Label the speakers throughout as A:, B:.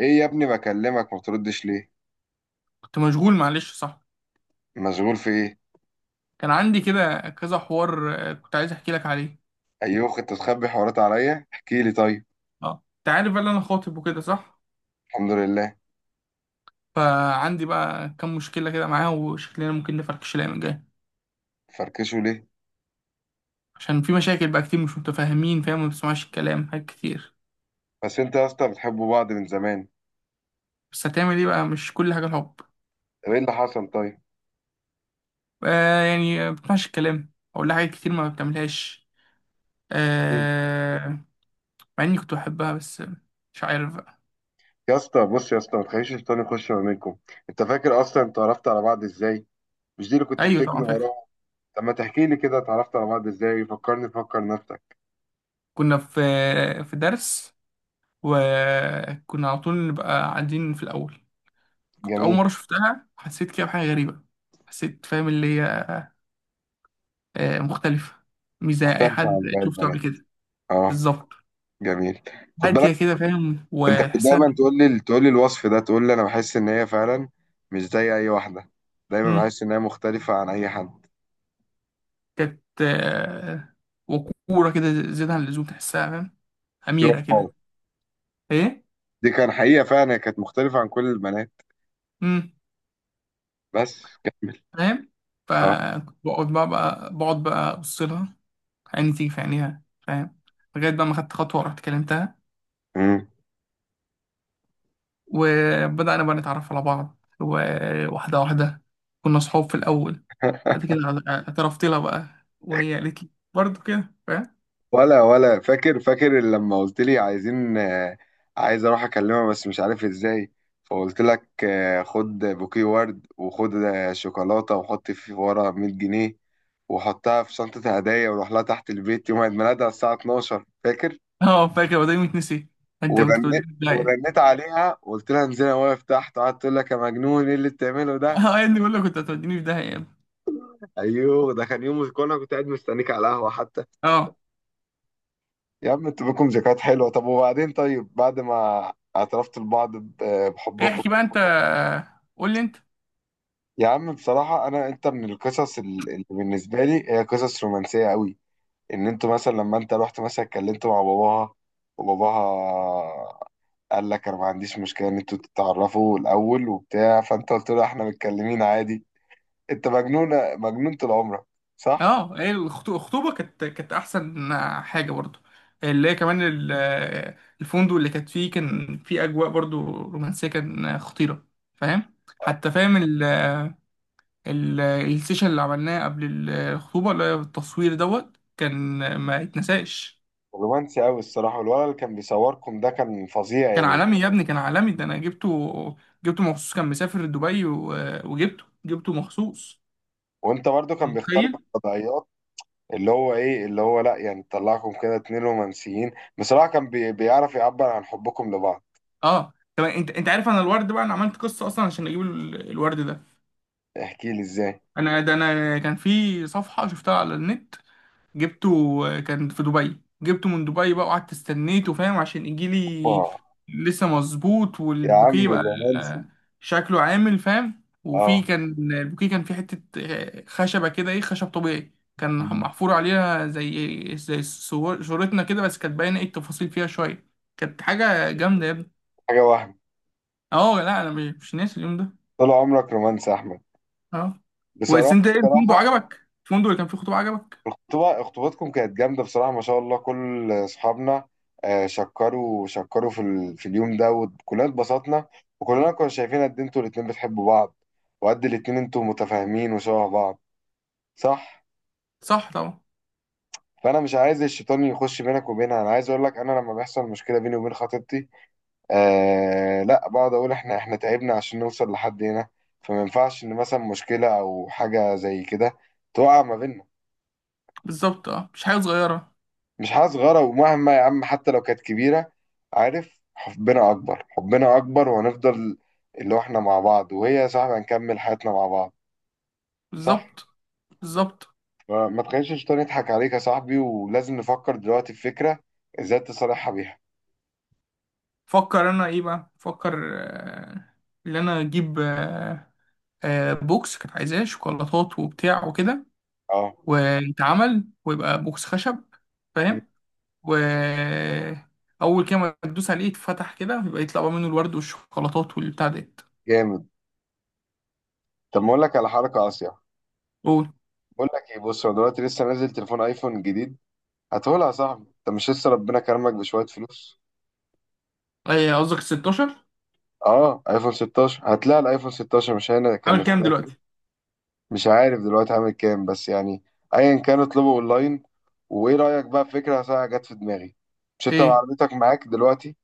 A: ايه يا ابني، بكلمك ما بتردش ليه؟
B: كنت مشغول، معلش، صح.
A: مشغول في ايه؟
B: كان عندي كده كذا حوار، كنت عايز احكي لك عليه.
A: ايوه انت تخبي حوارات عليا؟ احكي لي طيب.
B: اه، انت عارف بقى إن انا خاطب وكده، صح.
A: الحمد لله.
B: فعندي بقى كام مشكله كده معاه، وشكلنا ممكن نفركش الايام الجايه.
A: فركشوا ليه؟
B: عشان في مشاكل بقى كتير، مش متفاهمين، فاهم، ما بتسمعش الكلام حاجات كتير.
A: بس انت يا اسطى بتحبوا بعض من زمان.
B: بس هتعمل ايه بقى، مش كل حاجه الحب.
A: طب ايه اللي حصل طيب؟
B: ما بتسمعش الكلام، اقول لها حاجات كتير ما بتعملهاش.
A: مم.
B: آه. مع اني كنت بحبها، بس مش عارف بقى.
A: يا اسطى بص يا اسطى، ما تخليش الشيطان يخش ما بينكم. انت فاكر اصلا انت عرفت على بعض ازاي؟ مش دي اللي كنت
B: ايوه
A: بتجري
B: طبعا فاكر.
A: وراها؟ طب ما تحكي لي كده، اتعرفت على بعض ازاي؟ فكرني، فكر نفسك.
B: كنا في في درس، وكنا على طول نبقى قاعدين في الأول. كنت أول
A: جميل.
B: مرة شفتها، حسيت كده بحاجة غريبة. حسيت، فاهم، اللي هي مختلفة، مش زي أي
A: مختلف
B: حد
A: عن باقي
B: شفته قبل
A: البنات.
B: كده.
A: اه.
B: بالظبط.
A: جميل. خد بالك.
B: هادية كده، فاهم،
A: انت كنت دايما
B: وتحسها.
A: تقول لي، الوصف ده، تقول لي انا بحس ان هي فعلا مش زي اي واحده، دايما
B: مم،
A: بحس ان هي مختلفه عن اي حد
B: كانت وقورة كده زيادة عن اللزوم، تحسها فاهم.
A: في
B: أميرة
A: واقع.
B: كده. إيه.
A: دي كان حقيقه، فعلا هي كانت مختلفه عن كل البنات.
B: مم.
A: بس كمل.
B: فاهم.
A: اه.
B: فكنت بقعد بقى أبص لها، عيني تيجي في عينيها، فاهم. لغاية بقى ما خدت خطوة ورحت كلمتها.
A: مم.
B: وبدأنا بقى نتعرف على بعض، وواحدة واحدة. كنا صحاب في الأول، بعد كده اعترفت لها بقى، وهي قالت لي برضه كده، فاهم.
A: ولا فاكر، فاكر لما قلت لي عايزين عايز اروح اكلمها بس مش عارف ازاي؟ فقلت لك خد بوكيه ورد، وخد شوكولاته، وحط في ورا 100 جنيه، وحطها في شنطه هدايا، وروح لها تحت البيت يوم عيد ميلادها الساعه 12. فاكر؟
B: اه فاكر، وده يتنسي؟ انت كنت توديني
A: ورنيت
B: في داهية.
A: ورنيت عليها وقلت لها انزلي انا واقف تحت، قعدت تقول لك يا مجنون ايه اللي بتعمله ده.
B: اه يا ابني، بقول لك كنت هتوديني في داهية يا ابني.
A: ايوه، ده كان يوم كنت قاعد مستنيك على القهوه حتى.
B: اه،
A: يا عم انتوا بكم ذكريات حلوه. طب وبعدين طيب، بعد ما اعترفت لبعض بحبكم؟
B: احكي بقى انت. قول لي انت.
A: يا عم بصراحه انا، انت من القصص اللي بالنسبه لي هي قصص رومانسيه قوي. ان انتوا مثلا لما انت رحت مثلا اتكلمت مع باباها، وباباها قال لك انا ما عنديش مشكله ان انتوا تتعرفوا الاول وبتاع، فانت قلت له احنا متكلمين عادي. انت مجنونة، مجنون طول عمرك. صح؟
B: اه، هي الخطوبة كانت أحسن حاجة برضه، اللي هي كمان الفندق اللي كانت فيه، كان فيه أجواء برضه رومانسية، كان خطيرة، فاهم، حتى، فاهم. السيشن اللي عملناه قبل الخطوبة، اللي هي التصوير دوت، كان ما يتنساش.
A: رومانسي قوي الصراحة. والولد اللي كان بيصوركم ده كان فظيع
B: كان
A: يعني.
B: عالمي يا ابني، كان عالمي، ده انا جبته. جبته مخصوص، كان مسافر دبي وجبته مخصوص.
A: وانت برضو كان بيختار
B: متخيل.
A: لك قضايات، اللي هو ايه، اللي هو لا يعني طلعكم كده اتنين رومانسيين. بصراحة كان بيعرف يعبر عن حبكم لبعض.
B: اه، طب انت عارف، انا الورد بقى انا عملت قصة اصلا عشان اجيب الورد ده.
A: احكي لي ازاي.
B: ده انا كان في صفحة شفتها على النت، جبته. كان في دبي، جبته من دبي بقى، وقعدت استنيته، فاهم، عشان يجيلي.
A: اه.
B: لسه مظبوط،
A: يا
B: والبوكيه
A: عم
B: بقى
A: الرومانسي.
B: آه، شكله عامل، فاهم. وفي
A: اه.
B: كان البوكيه، كان في حتة خشبة كده، ايه، خشب طبيعي، كان محفور عليها زي صورتنا كده، بس كانت باينة ايه التفاصيل فيها شوية. كانت حاجة جامدة يا ابني.
A: حاجة وهم.
B: اه، لا، انا مش ناسي اليوم ده.
A: طول عمرك رومانسي يا احمد.
B: اه، بس
A: بصراحة.
B: انت ايه، الفندق
A: بصراحة
B: عجبك؟ الفندق اللي كان فيه خطوبة عجبك؟
A: الخطوبة، خطوبتكم كانت جامدة بصراحة، ما شاء الله. كل أصحابنا شكروا في اليوم ده وكلنا اتبسطنا، وكلنا كنا شايفين قد إيه انتوا الاتنين بتحبوا بعض، وقد الاتنين انتوا متفاهمين وشبه بعض. صح؟
B: صح طبعا.
A: فأنا مش عايز الشيطان يخش بينك وبينها. أنا عايز أقول لك أنا لما بيحصل مشكلة بيني وبين خطيبتي، آه لا، بقعد أقول إحنا تعبنا عشان نوصل لحد هنا، فما ينفعش إن مثلا مشكلة أو حاجة زي كده تقع ما بيننا.
B: بالظبط، اه، مش حاجة صغيرة.
A: مش حاجة صغيرة، ومهما يا عم حتى لو كانت كبيرة، عارف حبنا أكبر، حبنا أكبر وهنفضل اللي هو إحنا مع بعض، وهي يا صاحبي هنكمل حياتنا مع بعض. صح.
B: بالظبط. بالظبط.
A: فما تخليش الشيطان يضحك عليك يا صاحبي، ولازم نفكر دلوقتي في فكرة إزاي تصالحها بيها.
B: فكر انا، ايه بقى، فكر. آه، ان انا اجيب بوكس، كانت عايزاه شوكولاتات وبتاع وكده،
A: أه.
B: ويتعمل، ويبقى بوكس خشب،
A: م.
B: فاهم. و اول كده ما تدوس عليه يتفتح كده، يبقى يطلع بقى منه الورد والشوكولاتات والبتاع ديت.
A: جامد. طب ما أقول لك على حركة قاسية.
B: قول.
A: بقول لك إيه، بص، أنا دلوقتي لسه نازل تليفون أيفون جديد، هاتهولها يا صاحبي. أنت مش لسه ربنا كرمك بشوية فلوس؟
B: ايه قصدك، 16؟
A: أه، أيفون 16. هتلاقي الأيفون 16 مش هنا، كان
B: عامل كام
A: نفسها.
B: دلوقتي؟
A: مش عارف دلوقتي عامل كام بس يعني، ايا كان اطلبه اونلاين. وايه رايك بقى في فكره ساعه جت في دماغي؟ مش انت
B: ايه.
A: عربيتك معاك دلوقتي؟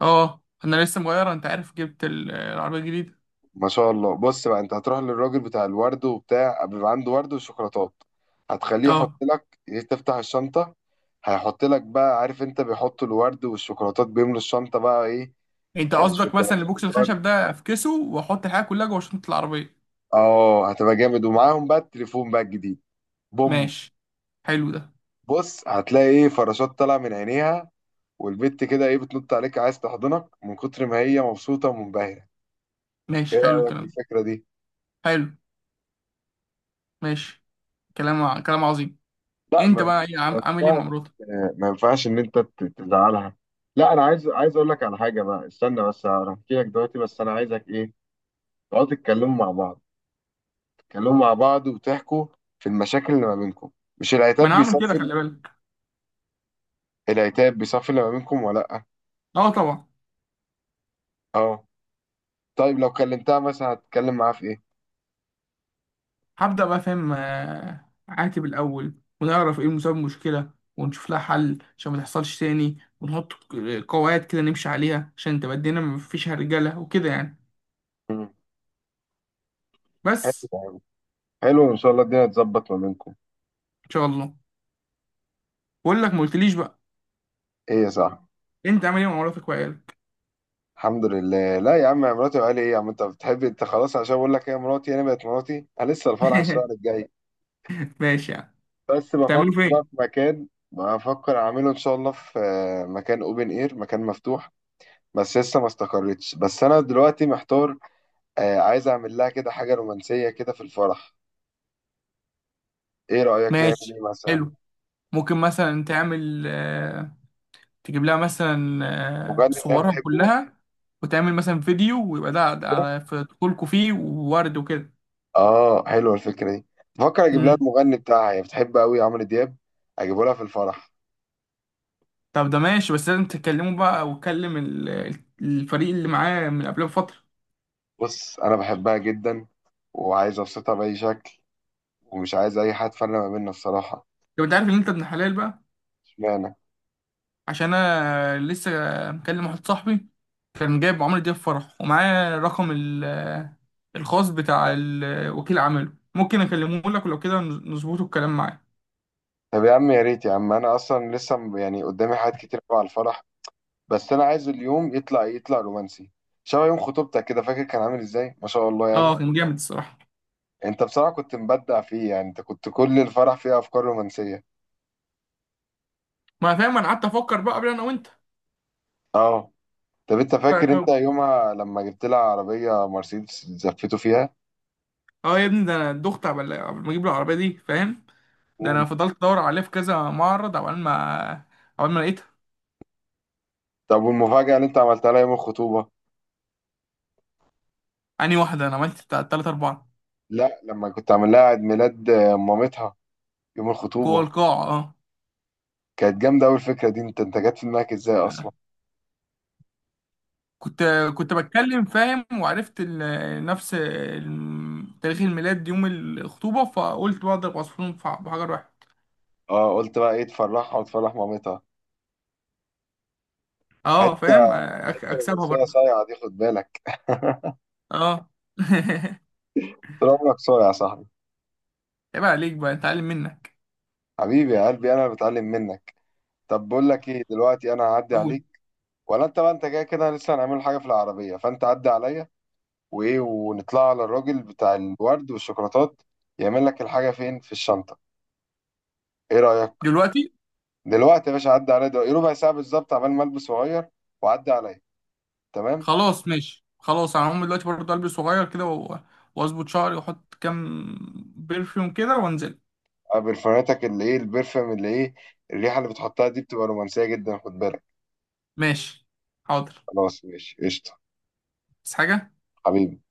B: اه، انا لسه مغير، انت عارف، جبت العربيه الجديده.
A: ما شاء الله. بص بقى، انت هتروح للراجل بتاع الورد وبتاع، بيبقى عنده ورد وشوكولاتات، هتخليه يحط
B: اه،
A: لك، تفتح الشنطه، هيحط لك بقى، عارف انت بيحطوا الورد والشوكولاتات، بيملوا الشنطه بقى ايه،
B: انت قصدك مثلا
A: شوكولاتات
B: البوكس
A: ورد.
B: الخشب ده افكسه واحط الحاجه كلها جوه شنطه العربيه؟
A: اه هتبقى جامد، ومعاهم بقى التليفون بقى الجديد، بوم.
B: ماشي، حلو ده.
A: بص هتلاقي ايه، فراشات طالعه من عينيها، والبت كده ايه بتنط عليك عايز تحضنك من كتر ما هي مبسوطة ومنبهرة. ايه
B: ماشي، حلو
A: رأيك في
B: الكلام.
A: الفكرة دي؟
B: حلو. ماشي. كلام عظيم.
A: لا
B: انت
A: ما،
B: بقى ايه،
A: ما
B: عامل ايه مع
A: ينفعش،
B: مراتك؟
A: ما ينفعش ان انت تزعلها. لا انا عايز، عايز اقول لك على حاجة بقى، استنى بس هحكي لك دلوقتي، بس انا عايزك ايه، تقعدوا تتكلموا مع بعض، تتكلموا مع بعض وتحكوا في المشاكل اللي ما بينكم. مش
B: ما انا
A: العتاب
B: هعمل كده،
A: بيصفي؟
B: خلي بالك.
A: العتاب بيصفي اللي ما بينكم ولا لا؟
B: اه طبعا.
A: اه. طيب لو كلمتها مثلا هتتكلم معاها في ايه؟
B: هبدأ بقى، فاهم، عاتب الاول، ونعرف ايه مسبب المشكلة، ونشوف لها حل عشان ما تحصلش تاني، ونحط قواعد كده نمشي عليها عشان تبقى الدنيا ما فيش هرجلة وكده يعني.
A: مم. حلو.
B: بس.
A: حلو ان شاء الله الدنيا تظبط ما بينكم.
B: ان شاء الله. بقول لك، ما قلتليش بقى،
A: ايه يا صاحبي؟
B: انت عامل ايه مع مراتك وعيالك؟
A: الحمد لله. لا يا عم مراتي، وقال ايه يا عم انت بتحب، انت خلاص عشان بقول لك هي مراتي، انا بقت مراتي، انا لسه الفرح الشهر الجاي.
B: ماشي يعني.
A: بس بفكر
B: تعملوا
A: بقى
B: فين؟
A: في مكان، بفكر اعمله ان شاء الله في مكان اوبن اير، مكان مفتوح، بس لسه ما استقرتش. بس انا دلوقتي محتار، عايز اعمل لها كده حاجه رومانسيه كده في الفرح. ايه رايك نعمل ايه
B: ماشي،
A: مثلا؟
B: حلو. ممكن مثلا تعمل تجيب لها مثلا
A: المغني اللي هي
B: صورها
A: بتحبه.
B: كلها، وتعمل مثلا فيديو، ويبقى ده على في دخولكوا، فيه وورد وكده.
A: اه حلوه الفكره دي. بفكر اجيب لها
B: امم.
A: المغني بتاعها، هي بتحب قوي عمرو دياب، اجيبه لها في الفرح.
B: طب ده ماشي، بس لازم تكلمه بقى وتكلم الفريق اللي معاه من قبلها بفترة.
A: بص انا بحبها جدا، وعايز ابسطها باي شكل، ومش عايز اي حد فرق ما بيننا الصراحه.
B: طب انت عارف ان انت ابن حلال بقى.
A: اشمعنى؟
B: عشان انا لسه مكلم واحد صاحبي، كان جايب عمرو دياب فرح، ومعاه رقم الخاص بتاع وكيل عمله، ممكن اكلمه لك ولو كده نظبطه الكلام معاه.
A: طب يا عم يا ريت يا عم، انا اصلا لسه يعني قدامي حاجات كتير أوي على الفرح، بس انا عايز اليوم يطلع، يطلع رومانسي، شبه يوم خطوبتك كده، فاكر كان عامل ازاي، ما شاء الله يعني.
B: اه، كان جامد الصراحة.
A: انت بصراحه كنت مبدع فيه يعني، انت كنت كل الفرح فيه افكار رومانسيه.
B: ما فاهم، انا قعدت افكر بقى قبل، انا وانت.
A: اه. طب انت فاكر انت يومها لما جبت لها عربيه مرسيدس زفته فيها؟
B: اه يا ابني، ده انا دخت قبل ما اجيب العربيه دي، فاهم. ده انا
A: مم.
B: فضلت ادور عليها في كذا معرض، عقبال ما لقيتها.
A: طب والمفاجاه اللي انت عملتها لها يوم الخطوبه؟
B: انهي واحده، انا عملت بتاع تلات اربعه.
A: لا لما كنت عامل لها عيد ميلاد مامتها، يوم
B: جوه
A: الخطوبة.
B: القاعه، اه.
A: كانت جامدة أوي الفكرة دي، أنت جت في دماغك إزاي أصلا؟
B: كنت كنت بتكلم، فاهم، وعرفت نفس تاريخ الميلاد يوم الخطوبه، فقلت بقى اضرب عصفورين في بحجر واحد.
A: أه قلت بقى إيه، تفرحها وتفرح مامتها.
B: اه، فاهم،
A: حتة، حتة
B: اكسبها
A: رومانسية
B: برضه.
A: صايعة دي، خد بالك.
B: اه.
A: طول عمرك صايع يا صاحبي.
B: عيب عليك بقى، اتعلم منك.
A: حبيبي يا قلبي، أنا اللي بتعلم منك. طب بقول لك إيه، دلوقتي أنا هعدي
B: قول.
A: عليك ولا أنت بقى، أنت جاي كده لسه هنعمل حاجة في العربية، فأنت عدي عليا وإيه، ونطلع على الراجل بتاع الورد والشوكولاتات يعمل لك الحاجة فين في الشنطة. إيه رأيك؟
B: دلوقتي.
A: دلوقتي؟ يا باشا عدى عليا دلوقتي، إيه ربع ساعة بالظبط، عمال ما البس واغير وعدى عليا. تمام.
B: خلاص ماشي. خلاص انا هقوم دلوقتي برضه، البس صغير كده واظبط شعري، واحط كام برفيوم كده، وانزل.
A: برفاناتك اللي ايه، البرفم اللي ايه، الريحة اللي بتحطها دي بتبقى رومانسية جدا، خد بالك.
B: ماشي. حاضر.
A: خلاص ماشي قشطة.
B: بس حاجه.
A: حبيبي.